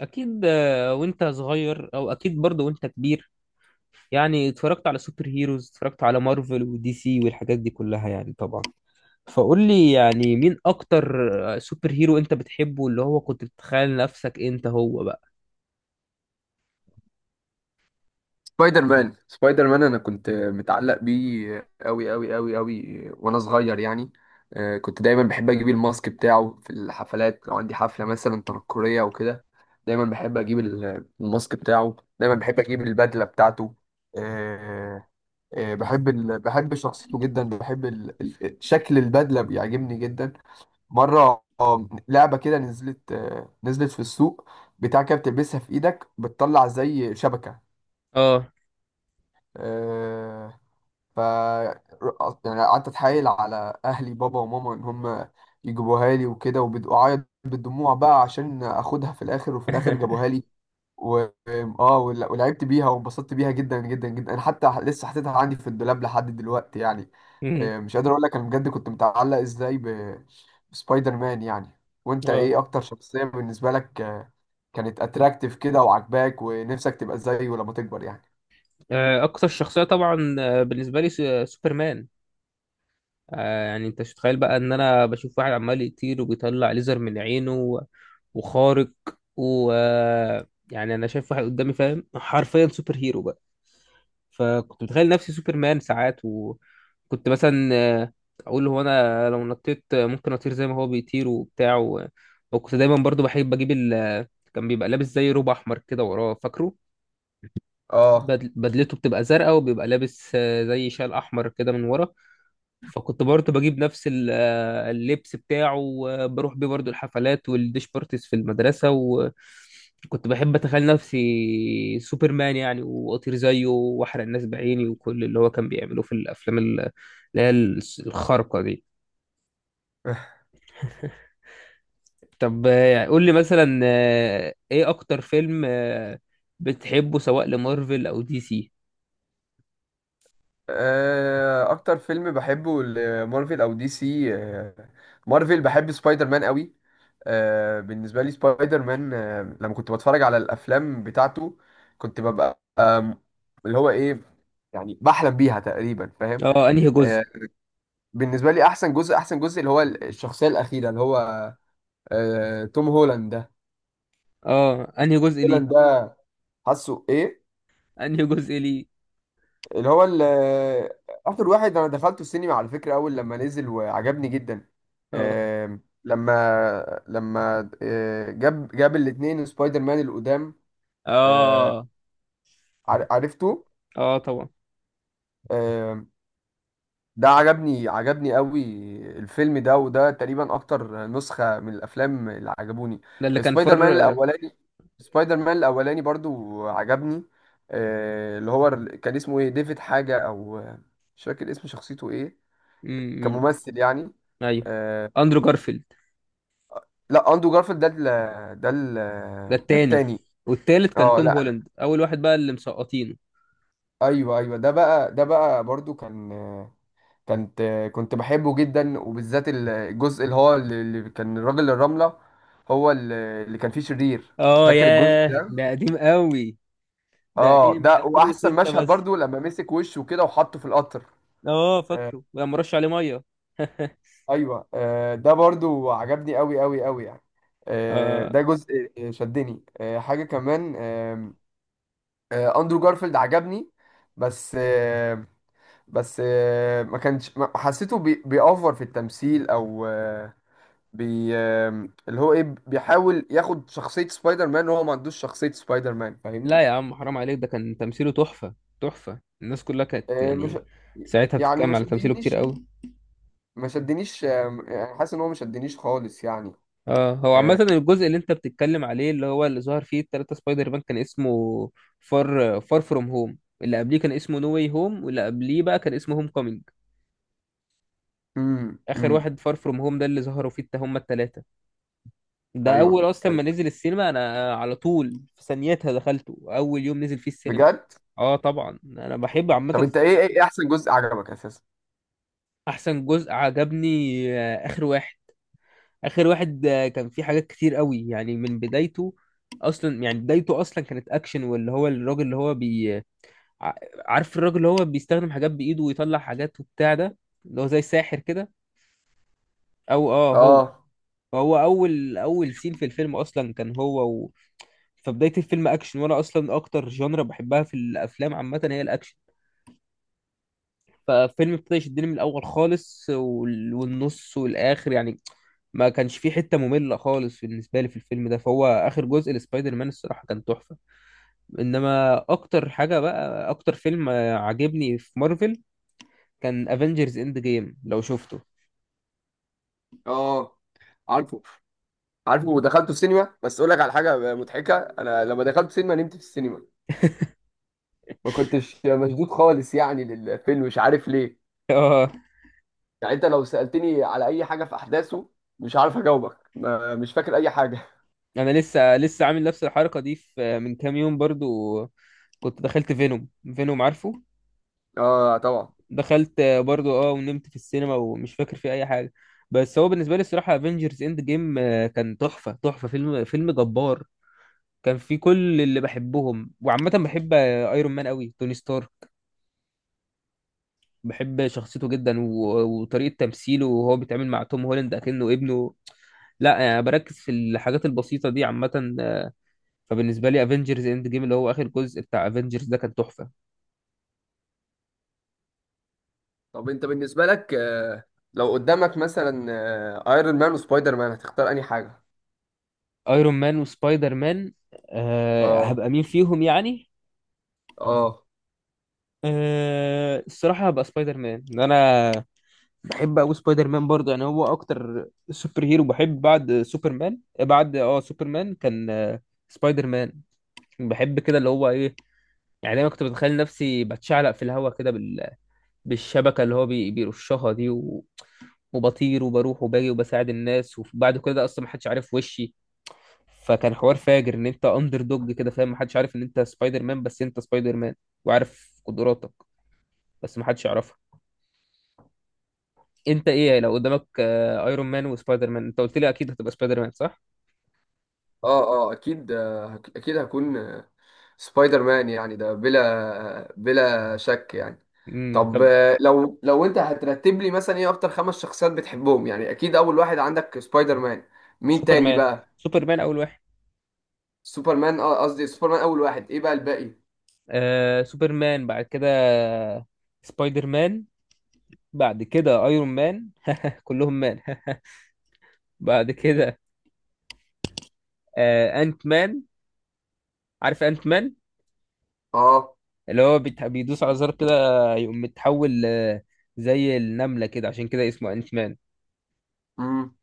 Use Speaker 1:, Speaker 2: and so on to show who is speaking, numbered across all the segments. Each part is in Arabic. Speaker 1: اكيد وانت صغير او اكيد برضه وانت كبير. يعني اتفرجت على سوبر هيروز، اتفرجت على مارفل ودي سي والحاجات دي كلها يعني طبعا. فقول لي يعني مين اكتر سوبر هيرو انت بتحبه اللي هو كنت بتتخيل نفسك انت هو بقى.
Speaker 2: سبايدر مان، انا كنت متعلق بيه قوي قوي قوي قوي، وانا صغير يعني. كنت دايما بحب اجيب الماسك بتاعه في الحفلات، لو عندي حفله مثلا تنكريه او كده. دايما بحب اجيب الماسك بتاعه، دايما بحب اجيب البدله بتاعته. آه، بحب بحب شخصيته جدا. بحب شكل البدله بيعجبني جدا. مره لعبه كده نزلت، نزلت في السوق، بتاع كده بتلبسها في ايدك بتطلع زي شبكه.
Speaker 1: اه.
Speaker 2: آه، ف يعني قعدت اتحايل على اهلي بابا وماما ان هم يجيبوها لي وكده، وبعيط بالدموع بقى عشان اخدها. في الاخر وفي الاخر جابوها لي و... ولعبت بيها وانبسطت بيها جدا جدا جدا. انا حتى لسه حاططها عندي في الدولاب لحد دلوقتي يعني.
Speaker 1: مم.
Speaker 2: مش قادر اقول لك انا بجد كنت متعلق ازاي بسبايدر مان يعني. وانت
Speaker 1: اه.
Speaker 2: ايه اكتر شخصية بالنسبة لك كانت اتراكتيف كده وعجباك ونفسك تبقى زيه لما تكبر يعني.
Speaker 1: اكتر شخصية طبعا بالنسبة لي سوبرمان. آه، يعني انت مش متخيل بقى ان انا بشوف واحد عمال يطير وبيطلع ليزر من عينه وخارق و آه، يعني انا شايف واحد قدامي فاهم حرفيا سوبر هيرو بقى. فكنت متخيل نفسي سوبرمان ساعات، وكنت مثلا اقول هو انا لو نطيت ممكن اطير زي ما هو بيطير وبتاع. وكنت دايما برضو بحب اجيب كان بيبقى لابس زي روب احمر كده وراه فاكره.
Speaker 2: اه.
Speaker 1: بدلته بتبقى زرقاء، وبيبقى لابس زي شال احمر كده من ورا. فكنت برضه بجيب نفس اللبس بتاعه، وبروح بيه برضه الحفلات والديش بارتيز في المدرسة، وكنت بحب أتخيل نفسي سوبرمان يعني، وأطير زيه وأحرق الناس بعيني وكل اللي هو كان بيعمله في الأفلام اللي هي الخارقة دي. طب قول لي مثلا إيه أكتر فيلم بتحبه، سواء لمارفل أو دي سي؟
Speaker 2: اكتر فيلم بحبه مارفل او دي سي مارفل، بحب سبايدر مان قوي. بالنسبه لي سبايدر مان. لما كنت بتفرج على الافلام بتاعته كنت ببقى، اللي هو ايه، يعني بحلم بيها تقريبا، فاهم.
Speaker 1: اه أنهي جزء؟
Speaker 2: آه، بالنسبه لي احسن جزء، احسن جزء اللي هو الشخصيه الاخيره، اللي هو توم هولاند ده.
Speaker 1: اه أنهي جزء ليه؟
Speaker 2: هولاند ده حاسه ايه؟
Speaker 1: أنهي جزء ليه؟
Speaker 2: اللي هو ال- اخر واحد انا دخلته السينما على فكره اول لما نزل، وعجبني جدا.
Speaker 1: اه.
Speaker 2: لما جاب الاثنين سبايدر مان القدام. آه،
Speaker 1: اه.
Speaker 2: عرفته.
Speaker 1: اه طبعا.
Speaker 2: آم، ده عجبني، قوي الفيلم ده. وده تقريبا اكتر نسخه من الافلام اللي عجبوني.
Speaker 1: ده اللي كان
Speaker 2: سبايدر مان
Speaker 1: فر.
Speaker 2: الاولاني، سبايدر مان الاولاني برضو عجبني. كان اسمه ايه؟ ديفيد حاجه، او مش فاكر اسم شخصيته ايه
Speaker 1: امم.
Speaker 2: كممثل يعني.
Speaker 1: ايوه،
Speaker 2: آه
Speaker 1: اندرو جارفيلد.
Speaker 2: لا، اندرو جارفيلد ده ال ده ال
Speaker 1: ده
Speaker 2: ده
Speaker 1: التاني.
Speaker 2: التاني.
Speaker 1: والتالت كان
Speaker 2: اه،
Speaker 1: توم
Speaker 2: لا لا،
Speaker 1: هولاند، اول واحد بقى اللي مسقطينه.
Speaker 2: ايوه ايوه، ده بقى برضو كان كانت كنت بحبه جدا، وبالذات الجزء اللي كان الراجل الرملة، هو اللي كان فيه شرير.
Speaker 1: اه
Speaker 2: فاكر الجزء
Speaker 1: ياه،
Speaker 2: ده؟
Speaker 1: ده قديم قوي، ده
Speaker 2: اه،
Speaker 1: ايه من
Speaker 2: ده. واحسن
Speaker 1: 2006
Speaker 2: مشهد
Speaker 1: مثلا؟
Speaker 2: برضو لما مسك وشه كده وحطه في القطر.
Speaker 1: اه
Speaker 2: آه
Speaker 1: فاكره لما رش عليه ميه.
Speaker 2: ايوه، ده برضو عجبني قوي قوي قوي يعني.
Speaker 1: آه.
Speaker 2: ده جزء شدني، حاجة كمان. اندرو جارفيلد عجبني، بس آه، بس آه، ما كانش ما- حسيته بيأوفر في التمثيل، او آه، بي آه، اللي هو ايه، بيحاول ياخد شخصية سبايدر مان وهو ما عندوش شخصية سبايدر مان،
Speaker 1: لا
Speaker 2: فاهمني.
Speaker 1: يا عم، حرام عليك، ده كان تمثيله تحفة. تحفة، الناس كلها كانت
Speaker 2: آه، مش
Speaker 1: يعني ساعتها
Speaker 2: يعني
Speaker 1: بتتكلم
Speaker 2: ما
Speaker 1: على تمثيله كتير
Speaker 2: شدنيش.
Speaker 1: قوي.
Speaker 2: يعني حاسس ان هو ما شدنيش خالص يعني.
Speaker 1: اه هو عامة
Speaker 2: آه،
Speaker 1: الجزء اللي انت بتتكلم عليه اللي هو اللي ظهر فيه التلاتة سبايدر مان كان اسمه فار فروم هوم، اللي قبليه كان اسمه نو واي هوم، واللي قبليه بقى كان اسمه هوم كومينج.
Speaker 2: امم
Speaker 1: اخر
Speaker 2: امم
Speaker 1: واحد فار فروم هوم ده اللي ظهروا فيه هما التلاتة. ده
Speaker 2: ايوه،
Speaker 1: اول اصلا ما
Speaker 2: أيوة.
Speaker 1: نزل السينما انا على طول في ثانيتها دخلته اول يوم نزل فيه السينما.
Speaker 2: بجد؟
Speaker 1: اه طبعا انا بحب عامة
Speaker 2: طب انت
Speaker 1: سبايدر.
Speaker 2: ايه، ايه احسن جزء عجبك اساسا؟
Speaker 1: احسن جزء عجبني اخر واحد. اخر واحد كان فيه حاجات كتير قوي يعني من بدايته. اصلا يعني بدايته اصلا كانت اكشن، واللي هو الراجل اللي هو ع- عارف الراجل اللي هو بيستخدم حاجات بايده ويطلع حاجات وبتاع ده، اللي هو زي ساحر كده. او اه
Speaker 2: اه،
Speaker 1: هو اول اول سين في الفيلم اصلا كان هو. فبداية الفيلم اكشن، وانا اصلا اكتر جانرا بحبها في الافلام عامة هي الاكشن. فالفيلم ابتدى يشدني من الاول خالص، والنص والاخر يعني ما كانش في حته ممله خالص بالنسبه لي في الفيلم ده. فهو اخر جزء لسبايدر مان الصراحه كان تحفه. انما اكتر حاجه بقى، اكتر فيلم عجبني في مارفل كان افنجرز اند جيم، لو شفته.
Speaker 2: اه، عارفه، عارفه، ودخلته في سينما. بس اقول لك على حاجه مضحكه، انا لما دخلت سينما نمت في السينما، ما كنتش مشدود خالص يعني للفيلم، مش عارف ليه.
Speaker 1: اه
Speaker 2: يعني انت لو سالتني على اي حاجه في احداثه مش عارف اجاوبك، ما مش فاكر اي حاجه.
Speaker 1: انا لسه لسه عامل نفس الحركه دي في من كام يوم برضو. كنت دخلت فينوم. فينوم عارفه؟
Speaker 2: اه، طبعا.
Speaker 1: دخلت برضو اه، ونمت في السينما ومش فاكر فيه اي حاجه. بس هو بالنسبه لي الصراحه افنجرز اند جيم كان تحفه تحفه، فيلم فيلم جبار. كان في كل اللي بحبهم، وعامة بحب ايرون مان قوي، توني ستارك. بحب شخصيته جدا وطريقة تمثيله، وهو بيتعامل مع توم هولاند اكنه ابنه لا يعني. بركز في الحاجات البسيطة دي عامة. فبالنسبة لي افنجرز اند جيم اللي هو اخر جزء بتاع افنجرز ده كان تحفة.
Speaker 2: طب انت بالنسبه لك، لو قدامك مثلا ايرون مان وسبايدر مان هتختار انهي حاجه؟
Speaker 1: ايرون مان وسبايدر مان؟ أه
Speaker 2: اه،
Speaker 1: هبقى مين فيهم يعني؟
Speaker 2: اه،
Speaker 1: أه الصراحة هبقى سبايدر مان انا. بحب أوي سبايدر مان برضه يعني، هو أكتر سوبر هيرو بحب بعد سوبرمان. بعد اه سوبرمان كان سبايدر مان. بحب كده اللي هو إيه، يعني دايما كنت بتخيل نفسي بتشعلق في الهوا كده بالشبكة اللي هو بيرشها دي، وبطير وبروح وباجي وبساعد الناس، وبعد كل ده اصلا محدش عارف وشي. فكان حوار فاجر ان انت اندر دوج كده، فاهم؟ محدش عارف ان انت سبايدر مان، بس انت سبايدر مان وعارف قدراتك بس محدش يعرفها. انت ايه لو قدامك ايرون مان وسبايدر مان؟ انت قلت لي اكيد هتبقى سبايدر مان، صح؟
Speaker 2: اه، اه، اكيد، اكيد هكون سبايدر مان يعني، ده بلا، بلا شك يعني. طب
Speaker 1: طب.
Speaker 2: لو انت هترتب لي مثلا ايه اكتر خمس شخصيات بتحبهم يعني، اكيد اول واحد عندك سبايدر مان، مين تاني
Speaker 1: سوبرمان.
Speaker 2: بقى؟
Speaker 1: سوبرمان اول واحد.
Speaker 2: سوبرمان. اه، قصدي سوبرمان اول واحد، ايه بقى الباقي؟
Speaker 1: آه سوبرمان، بعد كده سبايدر مان، بعد كده ايرون مان. كلهم مان. بعد كده آه انت مان. عارف انت مان؟
Speaker 2: اه،
Speaker 1: اللي هو بيدوس على زر كده يقوم متحول زي النملة كده، عشان كده اسمه انت مان.
Speaker 2: امم،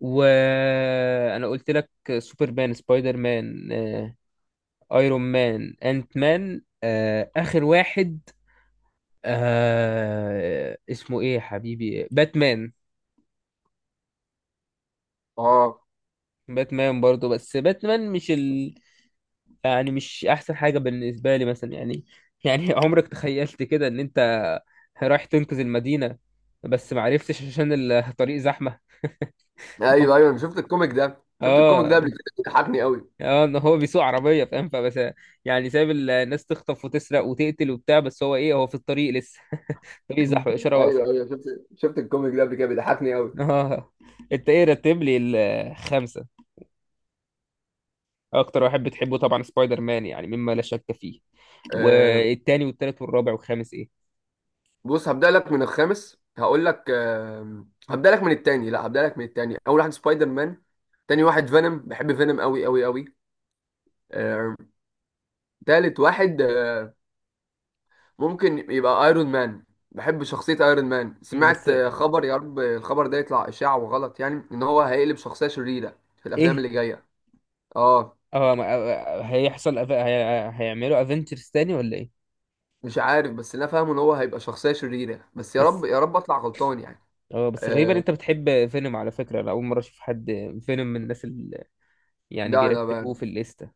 Speaker 1: وانا قلت لك سوبرمان، سبايدر مان، ايرون مان، انت مان، اخر واحد آه اسمه ايه يا حبيبي، باتمان.
Speaker 2: اه،
Speaker 1: باتمان برضه، بس باتمان مش ال... يعني مش احسن حاجة بالنسبة لي مثلا يعني. يعني عمرك تخيلت كده ان انت رايح تنقذ المدينة بس معرفتش عشان الطريق زحمة؟ هو-
Speaker 2: ايوه، ايوه، انا شفت الكوميك ده، الكوميك
Speaker 1: اه.
Speaker 2: ده قبل كده، بيضحكني قوي.
Speaker 1: اه ان هو بيسوق عربية، فاهم؟ فبس يعني سايب الناس تخطف وتسرق وتقتل وبتاع، بس هو ايه، هو في الطريق لسه. الطريق زحمة، الإشارة واقفة.
Speaker 2: ايوه، ايوه، شفت، شفت الكوميك ده قبل كده بيضحكني قوي.
Speaker 1: اه. انت ايه، رتب لي الخمسه. اكتر واحد بتحبه طبعا سبايدر مان يعني، مما لا شك فيه.
Speaker 2: آه
Speaker 1: والتاني والتالت والرابع والخامس ايه؟
Speaker 2: بص، هبدأ لك من الخامس. هقول لك هبدأ لك من التاني. لا، هبدأ لك من التاني. اول واحد سبايدر مان، تاني واحد فينوم، بحب فينوم قوي قوي قوي. تالت واحد ممكن يبقى ايرون مان. بحب شخصية ايرون مان.
Speaker 1: مم، بس
Speaker 2: سمعت خبر، يا رب الخبر ده يطلع اشاعة وغلط يعني، ان هو هيقلب شخصية شريرة في الافلام
Speaker 1: ايه؟
Speaker 2: اللي جاية. اه،
Speaker 1: اه هيحصل هيعملوا افنجرز تاني ولا ايه؟
Speaker 2: مش عارف، بس اللي انا فاهمه ان هو هيبقى شخصية شريرة، بس يا رب
Speaker 1: بس
Speaker 2: يا رب اطلع غلطان يعني.
Speaker 1: اه، بس غريبا
Speaker 2: آه
Speaker 1: انت بتحب فينوم، على فكره انا اول مره اشوف حد فينوم من الناس اللي يعني
Speaker 2: لا،
Speaker 1: بيرتبوه
Speaker 2: انا
Speaker 1: في الليسته.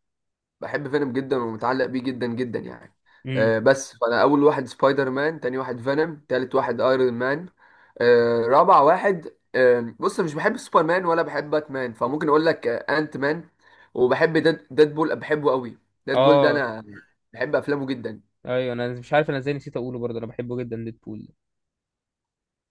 Speaker 2: بحب فينوم جدا ومتعلق بيه جدا جدا يعني.
Speaker 1: امم.
Speaker 2: مم. بس فانا اول واحد سبايدر مان، تاني واحد فينوم، تالت واحد ايرون مان. رابع واحد، بص مش بحب سوبر مان ولا بحب باتمان، فممكن اقول لك انت مان. وبحب ديدبول، بحبه قوي. ديدبول ده
Speaker 1: اه
Speaker 2: انا بحب افلامه جدا.
Speaker 1: ايوه انا مش عارف انا ازاي نسيت اقوله برضه، انا بحبه جدا ديدبول.